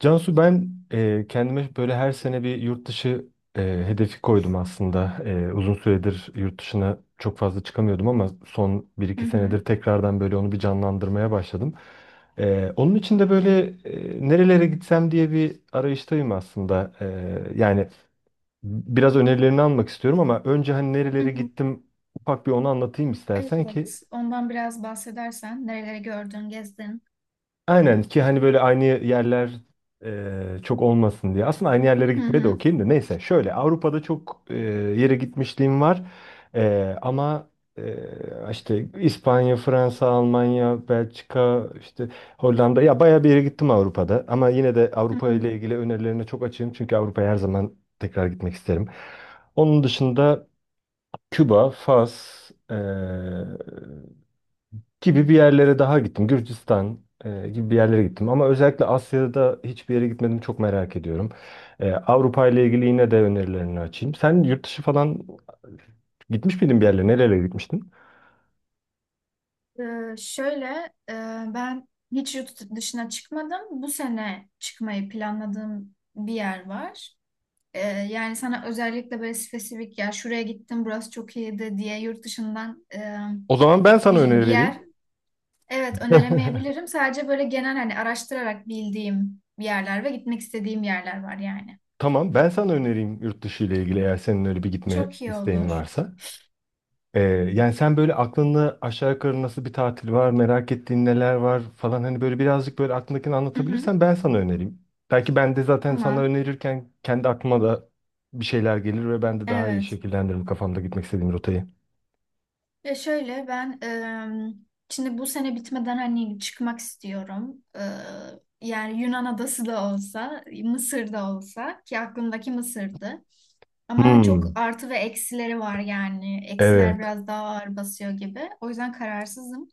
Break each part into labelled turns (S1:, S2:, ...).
S1: Cansu, ben kendime böyle her sene bir yurt dışı e, hedefi koydum aslında. Uzun süredir yurt dışına çok fazla çıkamıyordum ama son bir
S2: Hı
S1: iki senedir
S2: hı.
S1: tekrardan böyle onu bir canlandırmaya başladım. Onun için de böyle nerelere gitsem diye bir arayıştayım aslında. Yani biraz önerilerini almak istiyorum ama önce hani
S2: Hı
S1: nerelere
S2: hı.
S1: gittim, ufak bir onu anlatayım istersen ki.
S2: Evet, ondan biraz bahsedersen nereleri gördün, gezdin.
S1: Aynen, ki hani böyle aynı yerler çok olmasın diye. Aslında aynı yerlere
S2: Hı
S1: gitmeye de
S2: hı.
S1: okeyim de neyse. Şöyle Avrupa'da çok yere gitmişliğim var. E, ama işte İspanya, Fransa, Almanya, Belçika, işte Hollanda ya, bayağı bir yere gittim Avrupa'da. Ama yine de
S2: Hı
S1: Avrupa
S2: hı.
S1: ile ilgili önerilerine çok açığım. Çünkü Avrupa'ya her zaman tekrar gitmek isterim. Onun dışında Küba, Fas, gibi bir yerlere daha gittim. Gürcistan gibi bir yerlere gittim. Ama özellikle Asya'da hiçbir yere gitmedim. Çok merak ediyorum. Avrupa ile ilgili yine de önerilerini açayım. Sen yurt dışı falan gitmiş miydin bir yerlere? Nerelere gitmiştin?
S2: Şöyle, e, ben hiç yurt dışına çıkmadım. Bu sene çıkmayı planladığım bir yer var. Yani sana özellikle böyle spesifik ya şuraya gittim, burası çok iyiydi diye yurt dışından
S1: O zaman ben sana
S2: bir
S1: öneri
S2: yer
S1: vereyim.
S2: evet öneremeyebilirim. Sadece böyle genel hani araştırarak bildiğim bir yerler ve gitmek istediğim yerler var yani.
S1: Tamam, ben sana önereyim yurt dışı ile ilgili eğer senin öyle bir gitme
S2: Çok iyi
S1: isteğin
S2: olur.
S1: varsa. Ee, Yani sen böyle aklında aşağı yukarı nasıl bir tatil var, merak ettiğin neler var falan, hani böyle birazcık böyle aklındakini
S2: Hı hı.
S1: anlatabilirsen ben sana önereyim. Belki ben de zaten sana
S2: Tamam.
S1: önerirken kendi aklıma da bir şeyler gelir ve ben de daha iyi
S2: Evet.
S1: şekillendiririm kafamda gitmek istediğim rotayı.
S2: Ya şöyle ben şimdi bu sene bitmeden hani çıkmak istiyorum. Yani Yunan adası da olsa, Mısır da olsa ki aklımdaki Mısır'dı. Ama çok
S1: Hmm,
S2: artı ve eksileri var yani. Eksiler
S1: evet,
S2: biraz daha ağır basıyor gibi. O yüzden kararsızım.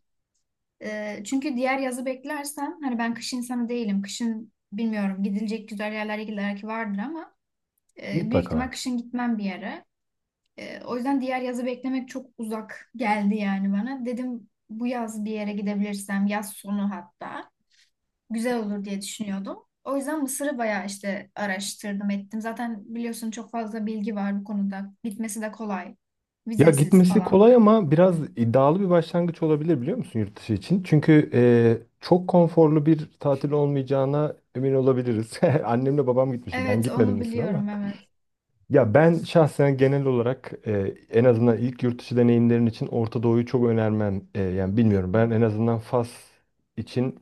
S2: Çünkü diğer yazı beklersem hani ben kış insanı değilim. Kışın bilmiyorum gidilecek güzel yerler belki vardır ama büyük ihtimal
S1: mutlaka.
S2: kışın gitmem bir yere. O yüzden diğer yazı beklemek çok uzak geldi yani bana. Dedim bu yaz bir yere gidebilirsem, yaz sonu hatta güzel olur diye düşünüyordum. O yüzden Mısır'ı bayağı işte araştırdım ettim. Zaten biliyorsun çok fazla bilgi var bu konuda. Gitmesi de kolay.
S1: Ya
S2: Vizesiz
S1: gitmesi
S2: falan.
S1: kolay ama biraz iddialı bir başlangıç olabilir, biliyor musun, yurt dışı için? Çünkü çok konforlu bir tatil olmayacağına emin olabiliriz. Annemle babam gitmişti. Ben
S2: Evet
S1: gitmedim
S2: onu
S1: Mısır ama.
S2: biliyorum evet.
S1: Ya ben şahsen genel olarak en azından ilk yurt dışı deneyimlerin için Orta Doğu'yu çok önermem. Yani bilmiyorum, ben en azından Fas için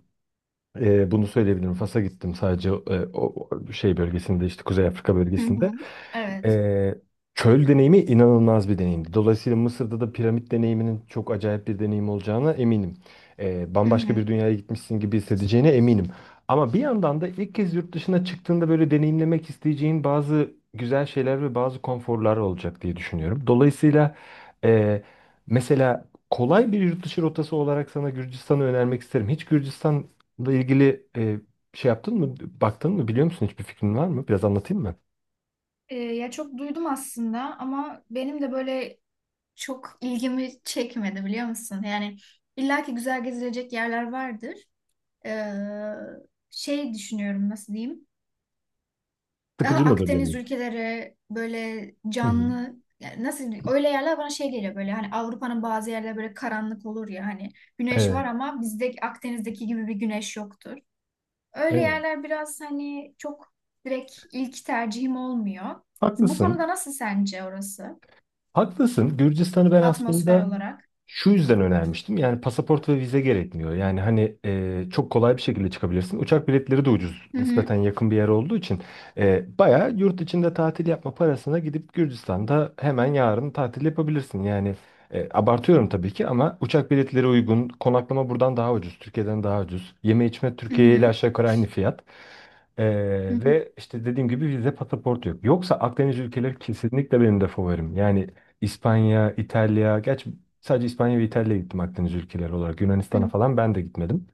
S1: bunu söyleyebilirim. Fas'a gittim sadece, e, o o şey bölgesinde, işte Kuzey Afrika
S2: Hı
S1: bölgesinde.
S2: hı. Evet.
S1: E, Çöl deneyimi inanılmaz bir deneyimdi. Dolayısıyla Mısır'da da piramit deneyiminin çok acayip bir deneyim olacağına eminim.
S2: Hı
S1: Bambaşka
S2: hı.
S1: bir dünyaya gitmişsin gibi hissedeceğine eminim. Ama bir yandan da ilk kez yurt dışına çıktığında böyle deneyimlemek isteyeceğin bazı güzel şeyler ve bazı konforlar olacak diye düşünüyorum. Dolayısıyla e, mesela kolay bir yurt dışı rotası olarak sana Gürcistan'ı önermek isterim. Hiç Gürcistan bununla ilgili şey yaptın mı, baktın mı, biliyor musun? Hiçbir fikrin var mı? Biraz anlatayım mı?
S2: Ya çok duydum aslında ama benim de böyle çok ilgimi çekmedi biliyor musun? Yani illaki güzel gezilecek yerler vardır. Ee, şey düşünüyorum nasıl diyeyim. Daha
S1: Sıkıcı mıdır
S2: Akdeniz
S1: deneyim?
S2: ülkeleri böyle
S1: Hı hı.
S2: canlı yani nasıl diyeyim, öyle yerler bana şey geliyor böyle hani Avrupa'nın bazı yerleri böyle karanlık olur ya hani güneş var
S1: Evet,
S2: ama bizde Akdeniz'deki gibi bir güneş yoktur. Öyle
S1: evet.
S2: yerler biraz hani çok direkt ilk tercihim olmuyor. Bu
S1: Haklısın.
S2: konuda nasıl sence orası?
S1: Haklısın. Gürcistan'ı ben
S2: Atmosfer
S1: aslında
S2: olarak.
S1: şu yüzden önermiştim. Yani pasaport ve vize gerekmiyor. Yani hani çok kolay bir şekilde çıkabilirsin. Uçak biletleri de ucuz.
S2: Hı
S1: Nispeten
S2: hı.
S1: yakın bir yer olduğu için bayağı yurt içinde tatil yapma parasına gidip Gürcistan'da hemen yarın tatil yapabilirsin. Yani abartıyorum tabii ki ama uçak biletleri uygun. Konaklama buradan daha ucuz. Türkiye'den daha ucuz. Yeme içme
S2: Hı
S1: Türkiye ile
S2: hı.
S1: aşağı yukarı aynı fiyat. E,
S2: Hı hı.
S1: Ve işte dediğim gibi vize pasaport yok. Yoksa Akdeniz ülkeleri kesinlikle benim de favorim. Yani İspanya, İtalya. Gerçi sadece İspanya ve İtalya'ya gittim Akdeniz ülkeleri olarak. Yunanistan'a
S2: Hı.
S1: falan ben de gitmedim.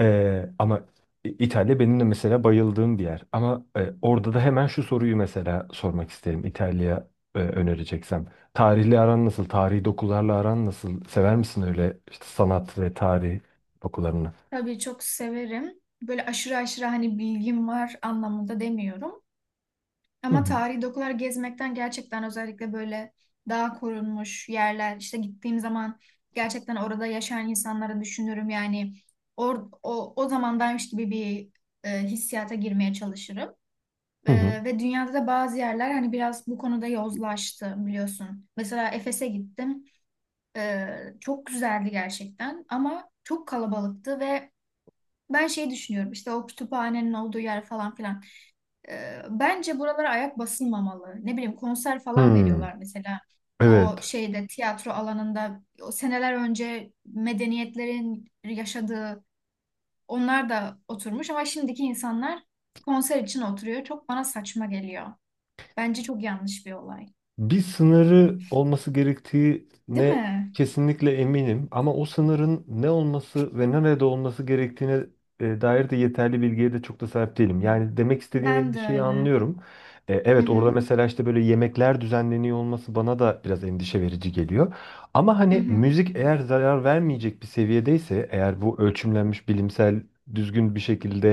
S1: Ee, ama İtalya benim de mesela bayıldığım bir yer. Ama orada da hemen şu soruyu mesela sormak isterim. İtalya önereceksem. Tarihle aran nasıl? Tarihi dokularla aran nasıl? Sever misin öyle işte sanat ve tarih dokularını?
S2: Tabii çok severim. Böyle aşırı aşırı hani bilgim var anlamında demiyorum.
S1: Hı
S2: Ama
S1: hı.
S2: tarihi dokular gezmekten gerçekten özellikle böyle daha korunmuş yerler işte gittiğim zaman gerçekten orada yaşayan insanları düşünürüm yani o zamandaymış gibi bir hissiyata girmeye çalışırım.
S1: Hı hı.
S2: Ve dünyada da bazı yerler hani biraz bu konuda yozlaştı biliyorsun. Mesela Efes'e gittim. E, çok güzeldi gerçekten ama çok kalabalıktı ve ben şey düşünüyorum işte o kütüphanenin olduğu yer falan filan. Bence buralara ayak basılmamalı. Ne bileyim konser falan
S1: Hmm,
S2: veriyorlar mesela. O
S1: evet.
S2: şeyde tiyatro alanında o seneler önce medeniyetlerin yaşadığı onlar da oturmuş ama şimdiki insanlar konser için oturuyor. Çok bana saçma geliyor. Bence çok yanlış bir olay.
S1: Bir sınırı olması
S2: Değil
S1: gerektiğine
S2: mi?
S1: kesinlikle eminim ama o sınırın ne olması ve nerede olması gerektiğine dair de yeterli bilgiye de çok da sahip değilim. Yani demek istediğin
S2: Ben de
S1: endişeyi
S2: öyle.
S1: anlıyorum.
S2: Hı
S1: Evet, orada
S2: hı.
S1: mesela işte böyle yemekler düzenleniyor olması bana da biraz endişe verici geliyor. Ama
S2: Hı
S1: hani
S2: hı.
S1: müzik eğer zarar vermeyecek bir seviyedeyse, eğer bu ölçümlenmiş, bilimsel, düzgün bir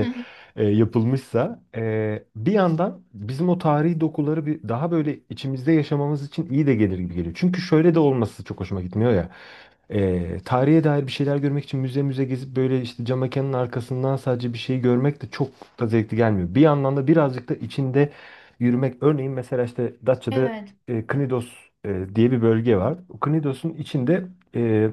S2: Hı hı.
S1: yapılmışsa, bir yandan bizim o tarihi dokuları bir daha böyle içimizde yaşamamız için iyi de gelir gibi geliyor. Çünkü şöyle de olması çok hoşuma gitmiyor ya. Tarihe dair bir şeyler görmek için müze müze gezip böyle işte cam mekanın arkasından sadece bir şey görmek de çok da zevkli gelmiyor. Bir yandan da birazcık da içinde yürümek. Örneğin mesela işte Datça'da
S2: Evet.
S1: Knidos diye bir bölge var. Knidos'un içinde e,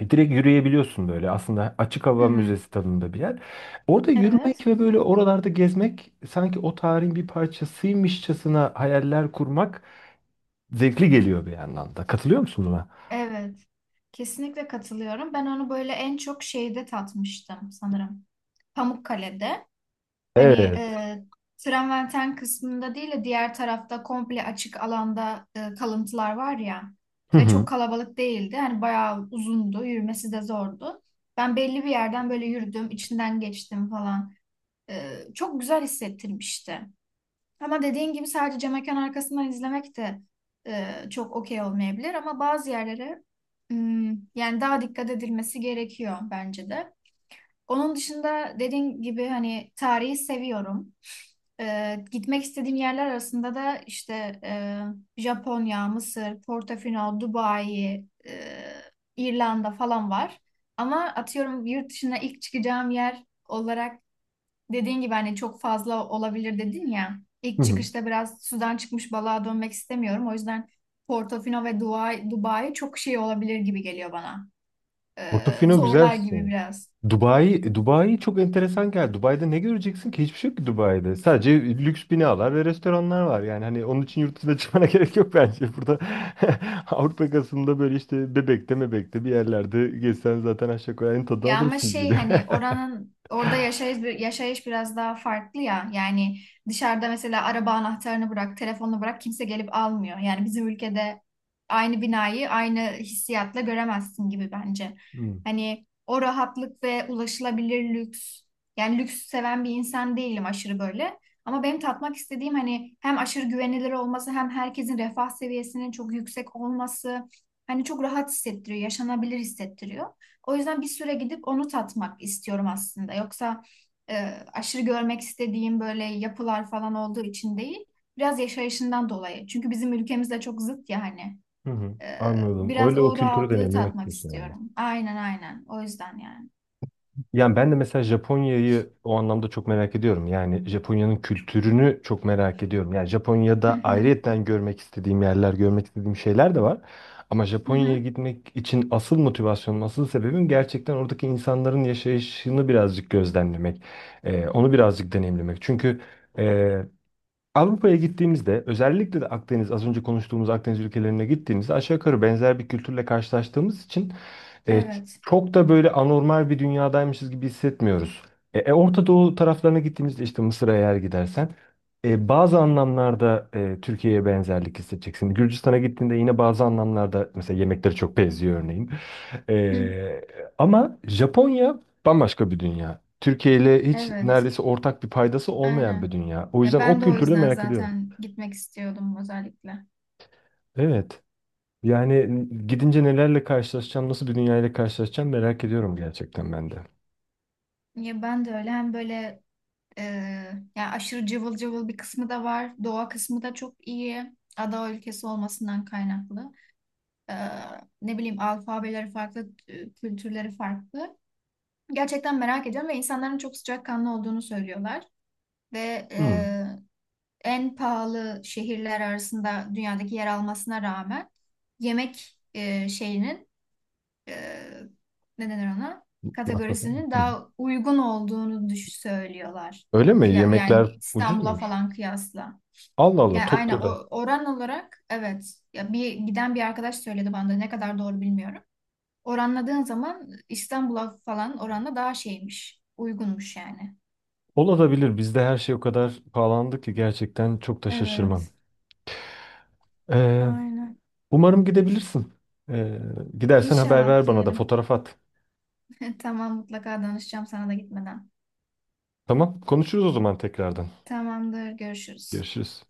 S1: direkt yürüyebiliyorsun, böyle aslında açık hava
S2: Hı.
S1: müzesi tadında bir yer. Orada
S2: Evet.
S1: yürümek ve böyle oralarda gezmek, sanki o tarihin bir parçasıymışçasına hayaller kurmak zevkli geliyor bir yandan da. Katılıyor musun buna?
S2: Evet. Kesinlikle katılıyorum. Ben onu böyle en çok şeyde tatmıştım sanırım. Pamukkale'de. Hani
S1: Evet.
S2: Traverten kısmında değil de diğer tarafta komple açık alanda kalıntılar var ya
S1: Hı
S2: ve
S1: hı.
S2: çok kalabalık değildi. Hani bayağı uzundu, yürümesi de zordu. Ben belli bir yerden böyle yürüdüm, içinden geçtim falan. Çok güzel hissettirmişti. Ama dediğin gibi sadece cam mekan arkasından izlemek de çok okey olmayabilir ama bazı yerlere hmm, yani daha dikkat edilmesi gerekiyor bence de. Onun dışında dediğin gibi hani tarihi seviyorum. Gitmek istediğim yerler arasında da işte Japonya, Mısır, Portofino, Dubai, İrlanda falan var. Ama atıyorum yurt dışına ilk çıkacağım yer olarak dediğin gibi hani çok fazla olabilir dedin ya.
S1: Hı
S2: İlk
S1: hı.
S2: çıkışta biraz sudan çıkmış balığa dönmek istemiyorum. O yüzden Portofino ve Dubai, Dubai çok şey olabilir gibi geliyor bana.
S1: Portofino güzel bir
S2: Zorlar
S1: şey.
S2: gibi biraz.
S1: Dubai, Dubai çok enteresan geldi. Dubai'de ne göreceksin ki? Hiçbir şey yok ki Dubai'de. Sadece lüks binalar ve restoranlar var. Yani hani onun için yurt dışına çıkmana gerek yok bence. Burada Avrupa yakasında böyle işte Bebek'te Mebek'te bir yerlerde gezsen zaten aşağı yukarı aynı tadı
S2: Ya ama
S1: alırsın gibi
S2: şey
S1: geliyor.
S2: hani oranın orada yaşayış biraz daha farklı ya. Yani dışarıda mesela araba anahtarını bırak, telefonunu bırak kimse gelip almıyor. Yani bizim ülkede aynı binayı aynı hissiyatla göremezsin gibi bence.
S1: Hmm.
S2: Hani o rahatlık ve ulaşılabilir lüks. Yani lüks seven bir insan değilim aşırı böyle. Ama benim tatmak istediğim hani hem aşırı güvenilir olması hem herkesin refah seviyesinin çok yüksek olması hani çok rahat hissettiriyor, yaşanabilir hissettiriyor. O yüzden bir süre gidip onu tatmak istiyorum aslında. Yoksa e, aşırı görmek istediğim böyle yapılar falan olduğu için değil, biraz yaşayışından dolayı. Çünkü bizim ülkemizle çok zıt ya hani.
S1: Hı hı,
S2: E,
S1: anladım.
S2: biraz
S1: Öyle o
S2: o
S1: kültürü
S2: rahatlığı
S1: deneyimlemek
S2: tatmak
S1: istiyorsun yani.
S2: istiyorum. Aynen aynen. O yüzden yani.
S1: Yani ben de mesela Japonya'yı o anlamda çok merak ediyorum. Yani Japonya'nın kültürünü çok merak ediyorum. Yani
S2: Hı
S1: Japonya'da
S2: hı.
S1: ayrıyeten görmek istediğim yerler, görmek istediğim şeyler de var. Ama
S2: Hı
S1: Japonya'ya
S2: hı.
S1: gitmek için asıl motivasyonum, asıl sebebim gerçekten oradaki insanların yaşayışını birazcık gözlemlemek. Onu birazcık deneyimlemek. Çünkü e, Avrupa'ya gittiğimizde, özellikle de Akdeniz, az önce konuştuğumuz Akdeniz ülkelerine gittiğimizde aşağı yukarı benzer bir kültürle karşılaştığımız için
S2: Evet.
S1: çok da böyle anormal bir dünyadaymışız gibi hissetmiyoruz. Orta Doğu taraflarına gittiğimizde işte Mısır'a eğer gidersen bazı anlamlarda Türkiye'ye benzerlik hissedeceksin. Gürcistan'a gittiğinde yine bazı anlamlarda mesela yemekleri çok benziyor örneğin.
S2: Hı.
S1: E, Ama Japonya bambaşka bir dünya. Türkiye ile hiç
S2: Evet.
S1: neredeyse ortak bir paydası olmayan bir
S2: Aynen.
S1: dünya. O
S2: Ya
S1: yüzden o
S2: ben de o
S1: kültürü de
S2: yüzden
S1: merak ediyorum.
S2: zaten gitmek istiyordum özellikle.
S1: Evet. Yani gidince nelerle karşılaşacağım, nasıl bir dünyayla karşılaşacağım, merak ediyorum gerçekten ben de.
S2: Ya ben de öyle hem böyle Ee, yani aşırı cıvıl cıvıl bir kısmı da var. Doğa kısmı da çok iyi. Ada ülkesi olmasından kaynaklı. Ee, ne bileyim alfabeleri farklı, kültürleri farklı. Gerçekten merak ediyorum ve insanların çok sıcakkanlı olduğunu söylüyorlar. Ve
S1: Hmm.
S2: en pahalı şehirler arasında dünyadaki yer almasına rağmen yemek şeyinin e, ne denir ona?
S1: Masraf mı?
S2: Kategorisinin
S1: Hı.
S2: daha uygun olduğunu düş söylüyorlar.
S1: Öyle mi?
S2: Kıya yani
S1: Yemekler ucuz
S2: İstanbul'a
S1: muymuş?
S2: falan kıyasla.
S1: Allah Allah,
S2: Yani aynen
S1: Tokyo'da.
S2: oran olarak evet. Ya bir giden bir arkadaş söyledi bana da ne kadar doğru bilmiyorum. Oranladığın zaman İstanbul'a falan oranla daha şeymiş. Uygunmuş yani.
S1: Olabilir. Bizde her şey o kadar pahalandı ki gerçekten çok da şaşırmam.
S2: Evet,
S1: Ee,
S2: aynen.
S1: Umarım gidebilirsin. Ee, Gidersen haber
S2: İnşallah
S1: ver bana da,
S2: diyelim.
S1: fotoğraf at.
S2: Tamam mutlaka danışacağım sana da gitmeden.
S1: Tamam. Konuşuruz o zaman tekrardan.
S2: Tamamdır, görüşürüz.
S1: Görüşürüz.